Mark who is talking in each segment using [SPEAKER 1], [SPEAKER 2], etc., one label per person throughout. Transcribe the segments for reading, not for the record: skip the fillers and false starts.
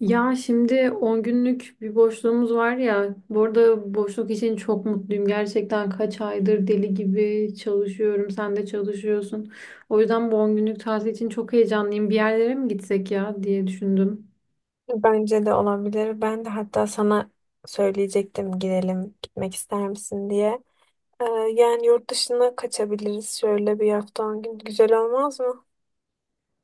[SPEAKER 1] Ya şimdi 10 günlük bir boşluğumuz var ya. Bu arada boşluk için çok mutluyum. Gerçekten kaç aydır deli gibi çalışıyorum. Sen de çalışıyorsun. O yüzden bu 10 günlük tatil için çok heyecanlıyım. Bir yerlere mi gitsek ya diye düşündüm.
[SPEAKER 2] Bence de olabilir. Ben de hatta sana söyleyecektim gidelim, gitmek ister misin diye. Ee, yani yurt dışına kaçabiliriz şöyle bir hafta 10 gün. Güzel olmaz mı?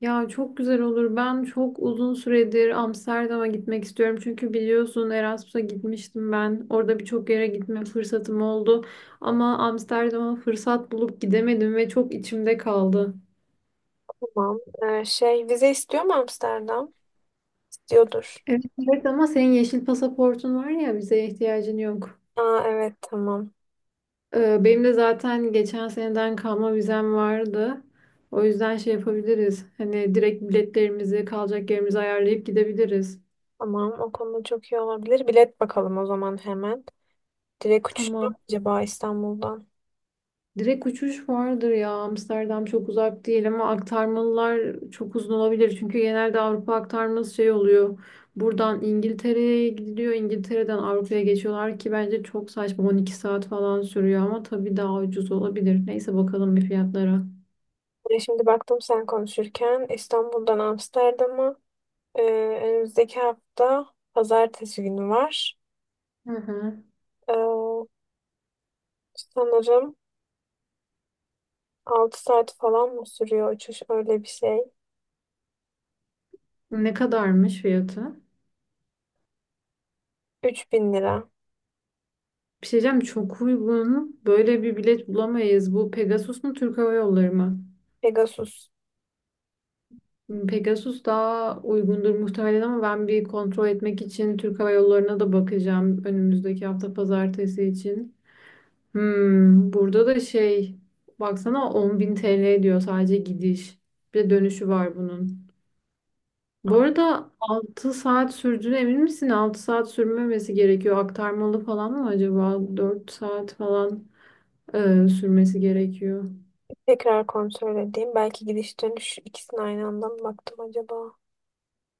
[SPEAKER 1] Ya çok güzel olur. Ben çok uzun süredir Amsterdam'a gitmek istiyorum. Çünkü biliyorsun Erasmus'a gitmiştim ben. Orada birçok yere gitme fırsatım oldu. Ama Amsterdam'a fırsat bulup gidemedim ve çok içimde kaldı.
[SPEAKER 2] Tamam. Şey vize istiyor mu Amsterdam? İstiyordur.
[SPEAKER 1] Evet, evet ama senin yeşil pasaportun var ya vizeye ihtiyacın yok.
[SPEAKER 2] Aa, evet tamam.
[SPEAKER 1] Benim de zaten geçen seneden kalma vizem vardı. O yüzden şey yapabiliriz. Hani direkt biletlerimizi, kalacak yerimizi ayarlayıp gidebiliriz.
[SPEAKER 2] Tamam o konuda çok iyi olabilir. Bilet bakalım o zaman hemen. Direkt uçuş mu
[SPEAKER 1] Tamam.
[SPEAKER 2] acaba İstanbul'dan?
[SPEAKER 1] Direkt uçuş vardır ya. Amsterdam çok uzak değil ama aktarmalılar çok uzun olabilir. Çünkü genelde Avrupa aktarması şey oluyor. Buradan İngiltere'ye gidiliyor. İngiltere'den Avrupa'ya geçiyorlar ki bence çok saçma. 12 saat falan sürüyor ama tabii daha ucuz olabilir. Neyse bakalım bir fiyatlara.
[SPEAKER 2] Şimdi baktım sen konuşurken İstanbul'dan Amsterdam'a ee, önümüzdeki hafta pazartesi günü var.
[SPEAKER 1] Hı hı.
[SPEAKER 2] Ee, Sanırım 6 saat falan mı sürüyor uçuş öyle bir şey.
[SPEAKER 1] Ne kadarmış fiyatı?
[SPEAKER 2] 3000 lira.
[SPEAKER 1] Bir şey diyeceğim çok uygun. Böyle bir bilet bulamayız. Bu Pegasus mu Türk Hava Yolları mı?
[SPEAKER 2] Pegasus.
[SPEAKER 1] Hmm, Pegasus daha uygundur muhtemelen ama ben bir kontrol etmek için Türk Hava Yolları'na da bakacağım önümüzdeki hafta pazartesi için. Hmm, burada da şey baksana 10.000 TL diyor sadece gidiş. Bir de dönüşü var bunun.
[SPEAKER 2] Ay,
[SPEAKER 1] Bu arada 6 saat sürdüğüne emin misin? 6 saat sürmemesi gerekiyor. Aktarmalı falan mı acaba? 4 saat falan sürmesi gerekiyor.
[SPEAKER 2] tekrar kontrol edeyim. Belki gidiş dönüş ikisini aynı anda mı baktım acaba?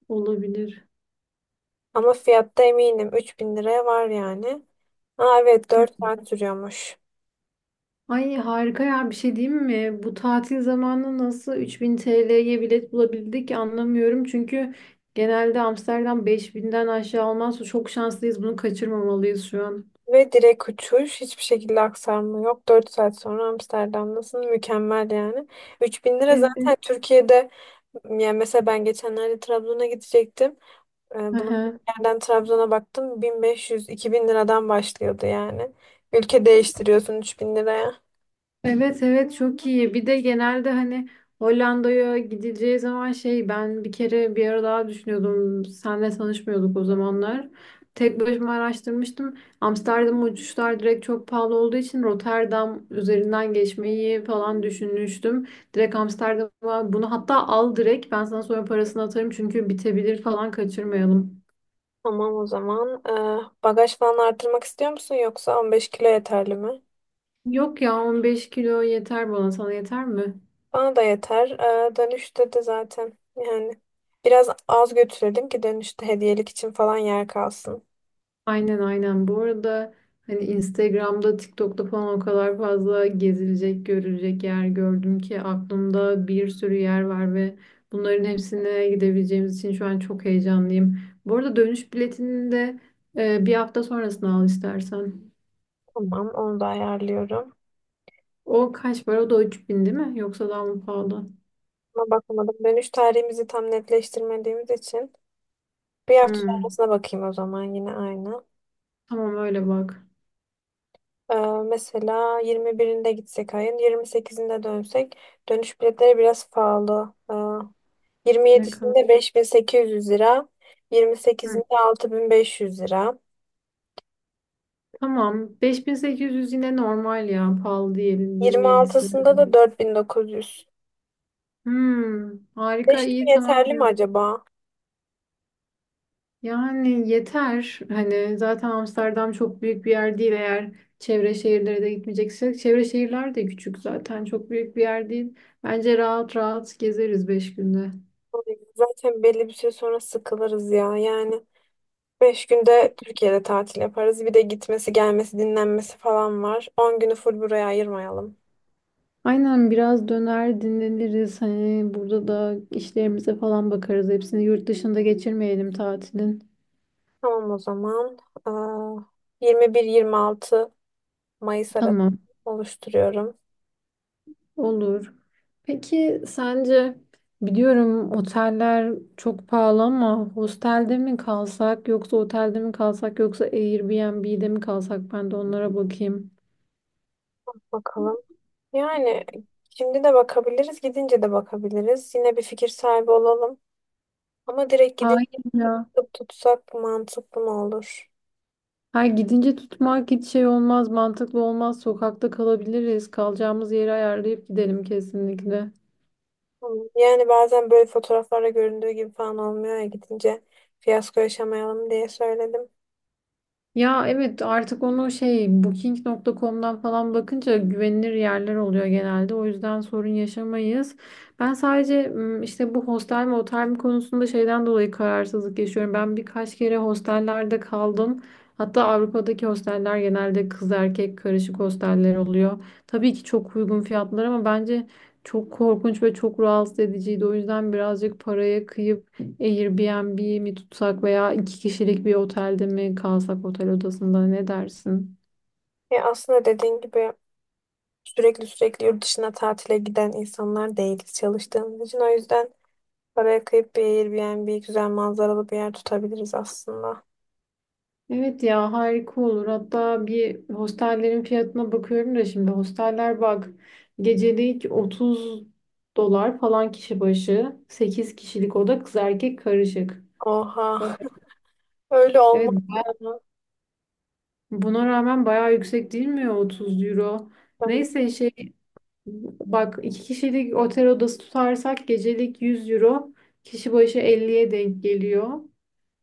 [SPEAKER 1] Olabilir.
[SPEAKER 2] Ama fiyatta eminim 3000 liraya var yani. Aa, evet 4 saat sürüyormuş.
[SPEAKER 1] Ay harika ya bir şey diyeyim mi? Bu tatil zamanı nasıl 3.000 TL'ye bilet bulabildik anlamıyorum. Çünkü genelde Amsterdam 5.000'den aşağı olmaz. Çok şanslıyız. Bunu kaçırmamalıyız şu an.
[SPEAKER 2] Ve direkt uçuş. Hiçbir şekilde aksarma yok. 4 saat sonra Amsterdam'dasın. Mükemmel yani. 3000 lira zaten
[SPEAKER 1] Evet.
[SPEAKER 2] Türkiye'de yani, mesela ben geçenlerde Trabzon'a gidecektim. Bulunduğum yerden Trabzon'a baktım 1500-2000 liradan başlıyordu yani. Ülke değiştiriyorsun 3000 liraya.
[SPEAKER 1] Evet evet çok iyi. Bir de genelde hani Hollanda'ya gidileceği zaman şey ben bir kere bir ara daha düşünüyordum. Senle tanışmıyorduk o zamanlar. Tek başıma araştırmıştım. Amsterdam uçuşlar direkt çok pahalı olduğu için Rotterdam üzerinden geçmeyi falan düşünmüştüm. Direkt Amsterdam'a bunu hatta al direkt ben sana sonra parasını atarım çünkü bitebilir falan kaçırmayalım.
[SPEAKER 2] Tamam o zaman. Bagaj falan artırmak istiyor musun yoksa 15 kilo yeterli mi?
[SPEAKER 1] Yok ya 15 kilo yeter bana sana yeter mi?
[SPEAKER 2] Bana da yeter. Dönüşte de zaten yani biraz az götürelim ki dönüşte hediyelik için falan yer kalsın.
[SPEAKER 1] Aynen aynen. Bu arada hani Instagram'da, TikTok'ta falan o kadar fazla gezilecek, görülecek yer gördüm ki aklımda bir sürü yer var ve bunların hepsine gidebileceğimiz için şu an çok heyecanlıyım. Bu arada dönüş biletini de bir hafta sonrasını al istersen.
[SPEAKER 2] Tamam, onu da ayarlıyorum.
[SPEAKER 1] O kaç para? O da 3.000 değil mi? Yoksa daha mı pahalı?
[SPEAKER 2] Ama bakmadım, dönüş tarihimizi tam netleştirmediğimiz için bir hafta
[SPEAKER 1] Hmm.
[SPEAKER 2] sonrasına bakayım o zaman, yine aynı.
[SPEAKER 1] Tamam öyle bak.
[SPEAKER 2] Ee, mesela 21'inde gitsek ayın 28'inde dönsek dönüş biletleri biraz pahalı.
[SPEAKER 1] Ne kadar?
[SPEAKER 2] 27'sinde 5800 lira,
[SPEAKER 1] Hı.
[SPEAKER 2] 28'inde 6500 lira,
[SPEAKER 1] Tamam. Beş bin sekiz yüz yine normal ya. Pahalı diyelim. 27'sini.
[SPEAKER 2] 26'sında da 4900.
[SPEAKER 1] Hmm, harika
[SPEAKER 2] 5
[SPEAKER 1] iyi
[SPEAKER 2] gün
[SPEAKER 1] tamam.
[SPEAKER 2] yeterli mi acaba?
[SPEAKER 1] Yani yeter. Hani zaten Amsterdam çok büyük bir yer değil eğer çevre şehirlere de gitmeyeceksek. Çevre şehirler de küçük zaten. Çok büyük bir yer değil. Bence rahat rahat gezeriz 5 günde.
[SPEAKER 2] Zaten belli bir süre sonra sıkılırız ya. Yani 5 günde Türkiye'de tatil yaparız. Bir de gitmesi, gelmesi, dinlenmesi falan var. 10 günü full buraya ayırmayalım.
[SPEAKER 1] Aynen biraz döner dinleniriz. Hani burada da işlerimize falan bakarız. Hepsini yurt dışında geçirmeyelim tatilin.
[SPEAKER 2] Tamam o zaman. 21-26 Mayıs arası
[SPEAKER 1] Tamam.
[SPEAKER 2] oluşturuyorum.
[SPEAKER 1] Olur. Peki sence biliyorum oteller çok pahalı ama hostelde mi kalsak yoksa otelde mi kalsak yoksa Airbnb'de mi kalsak ben de onlara bakayım.
[SPEAKER 2] Bakalım. Yani şimdi de bakabiliriz, gidince de bakabiliriz. Yine bir fikir sahibi olalım. Ama direkt gidip
[SPEAKER 1] Hayır ya.
[SPEAKER 2] tutup tutsak mantıklı mı olur?
[SPEAKER 1] Ha gidince tutmak hiç şey olmaz, mantıklı olmaz. Sokakta kalabiliriz. Kalacağımız yeri ayarlayıp gidelim kesinlikle.
[SPEAKER 2] Hı. Yani bazen böyle fotoğraflarda göründüğü gibi falan olmuyor ya, gidince fiyasko yaşamayalım diye söyledim.
[SPEAKER 1] Ya evet artık onu şey Booking.com'dan falan bakınca güvenilir yerler oluyor genelde. O yüzden sorun yaşamayız. Ben sadece işte bu hostel mi otel mi konusunda şeyden dolayı kararsızlık yaşıyorum. Ben birkaç kere hostellerde kaldım. Hatta Avrupa'daki hosteller genelde kız erkek karışık hosteller oluyor. Tabii ki çok uygun fiyatlar ama bence çok korkunç ve çok rahatsız ediciydi. O yüzden birazcık paraya kıyıp Airbnb mi tutsak veya 2 kişilik bir otelde mi kalsak otel odasında ne dersin?
[SPEAKER 2] Ya aslında, dediğin gibi, sürekli sürekli yurt dışına tatile giden insanlar değiliz çalıştığımız için. O yüzden paraya kıyıp bir Airbnb, güzel manzaralı bir yer tutabiliriz aslında.
[SPEAKER 1] Evet ya harika olur. Hatta bir hostellerin fiyatına bakıyorum da şimdi hosteller bak gecelik 30 dolar falan kişi başı 8 kişilik oda kız erkek karışık.
[SPEAKER 2] Oha. Öyle olmaz
[SPEAKER 1] Evet
[SPEAKER 2] ya.
[SPEAKER 1] buna rağmen bayağı yüksek değil mi ya 30 euro? Neyse şey bak 2 kişilik otel odası tutarsak gecelik 100 euro kişi başı 50'ye denk geliyor.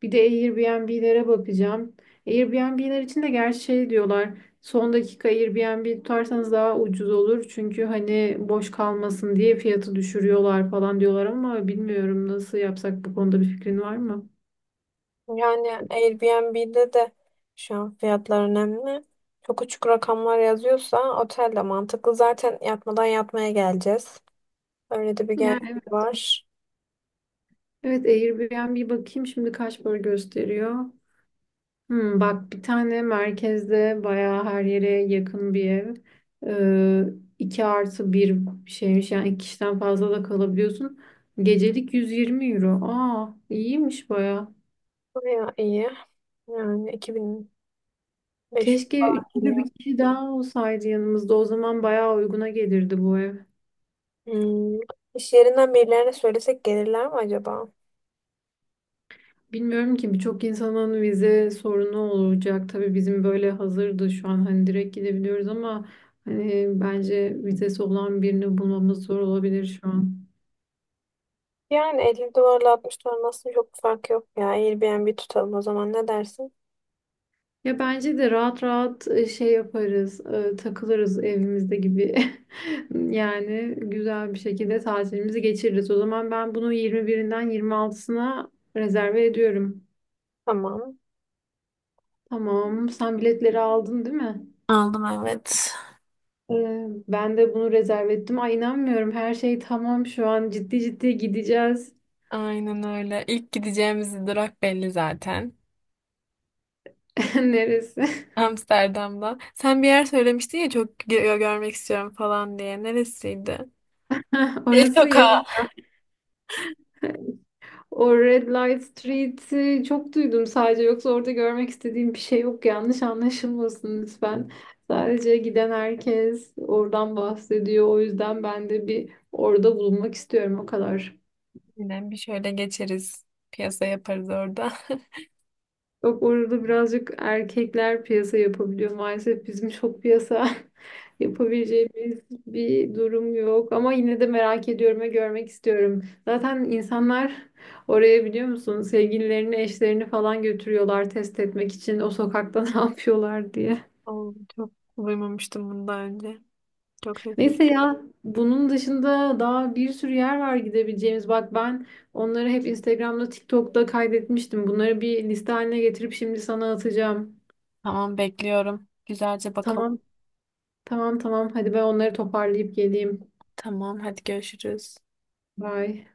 [SPEAKER 1] Bir de Airbnb'lere bakacağım. Airbnb'ler için de gerçi şey diyorlar. Son dakika Airbnb tutarsanız daha ucuz olur. Çünkü hani boş kalmasın diye fiyatı düşürüyorlar falan diyorlar ama bilmiyorum nasıl yapsak bu konuda bir fikrin var mı?
[SPEAKER 2] Yani Airbnb'de de şu an fiyatlar önemli. Çok uçuk rakamlar yazıyorsa otel de mantıklı. Zaten yatmadan yatmaya geleceğiz. Öyle de bir
[SPEAKER 1] Ya
[SPEAKER 2] gerçek
[SPEAKER 1] evet.
[SPEAKER 2] var.
[SPEAKER 1] Evet Airbnb bakayım şimdi kaç para gösteriyor. Hmm, bak bir tane merkezde bayağı her yere yakın bir ev. Ee, 2+1 şeymiş yani 2 kişiden fazla da kalabiliyorsun. Gecelik 120 euro. Aa iyiymiş bayağı.
[SPEAKER 2] Baya iyi. Yani 2500
[SPEAKER 1] Keşke üçüncü
[SPEAKER 2] geliyor.
[SPEAKER 1] bir kişi daha olsaydı yanımızda. O zaman bayağı uyguna gelirdi bu ev.
[SPEAKER 2] Hmm. İş yerinden birilerine söylesek gelirler mi acaba?
[SPEAKER 1] Bilmiyorum ki birçok insanın vize sorunu olacak. Tabii bizim böyle hazırdı şu an hani direkt gidebiliyoruz ama hani bence vizesi olan birini bulmamız zor olabilir şu an.
[SPEAKER 2] Yani 50 dolarla 60 dolar aslında çok bir fark yok ya. Airbnb tutalım o zaman, ne dersin?
[SPEAKER 1] Ya bence de rahat rahat şey yaparız, takılırız evimizde gibi. Yani güzel bir şekilde tatilimizi geçiririz. O zaman ben bunu 21'inden 26'sına rezerve ediyorum.
[SPEAKER 2] Tamam.
[SPEAKER 1] Tamam, sen biletleri aldın değil mi?
[SPEAKER 2] Aldım, evet.
[SPEAKER 1] Ben de bunu rezerve ettim. Ay inanmıyorum, her şey tamam şu an. Ciddi ciddi gideceğiz.
[SPEAKER 2] Aynen öyle. İlk gideceğimiz durak belli zaten.
[SPEAKER 1] Neresi?
[SPEAKER 2] Amsterdam'da. Sen bir yer söylemiştin ya, çok görmek istiyorum falan diye. Neresiydi?
[SPEAKER 1] Orası yok.
[SPEAKER 2] Sokağa.
[SPEAKER 1] O Red Light Street'i çok duydum sadece. Yoksa orada görmek istediğim bir şey yok. Yanlış anlaşılmasın lütfen. Sadece giden herkes oradan bahsediyor. O yüzden ben de bir orada bulunmak istiyorum o kadar.
[SPEAKER 2] Yine bir şöyle geçeriz. Piyasa yaparız orada.
[SPEAKER 1] Yok orada birazcık erkekler piyasa yapabiliyor. Maalesef bizim çok piyasa yapabileceğimiz bir durum yok. Ama yine de merak ediyorum ve görmek istiyorum. Zaten insanlar oraya biliyor musun sevgililerini, eşlerini falan götürüyorlar test etmek için o sokakta ne yapıyorlar diye.
[SPEAKER 2] Oo, çok duymamıştım bundan önce. Çok şaşırdım.
[SPEAKER 1] Neyse ya bunun dışında daha bir sürü yer var gidebileceğimiz. Bak ben onları hep Instagram'da, TikTok'ta kaydetmiştim. Bunları bir liste haline getirip şimdi sana atacağım.
[SPEAKER 2] Tamam, bekliyorum. Güzelce bakalım.
[SPEAKER 1] Tamam. Tamam tamam. Hadi ben onları toparlayıp geleyim.
[SPEAKER 2] Tamam, hadi görüşürüz.
[SPEAKER 1] Bye.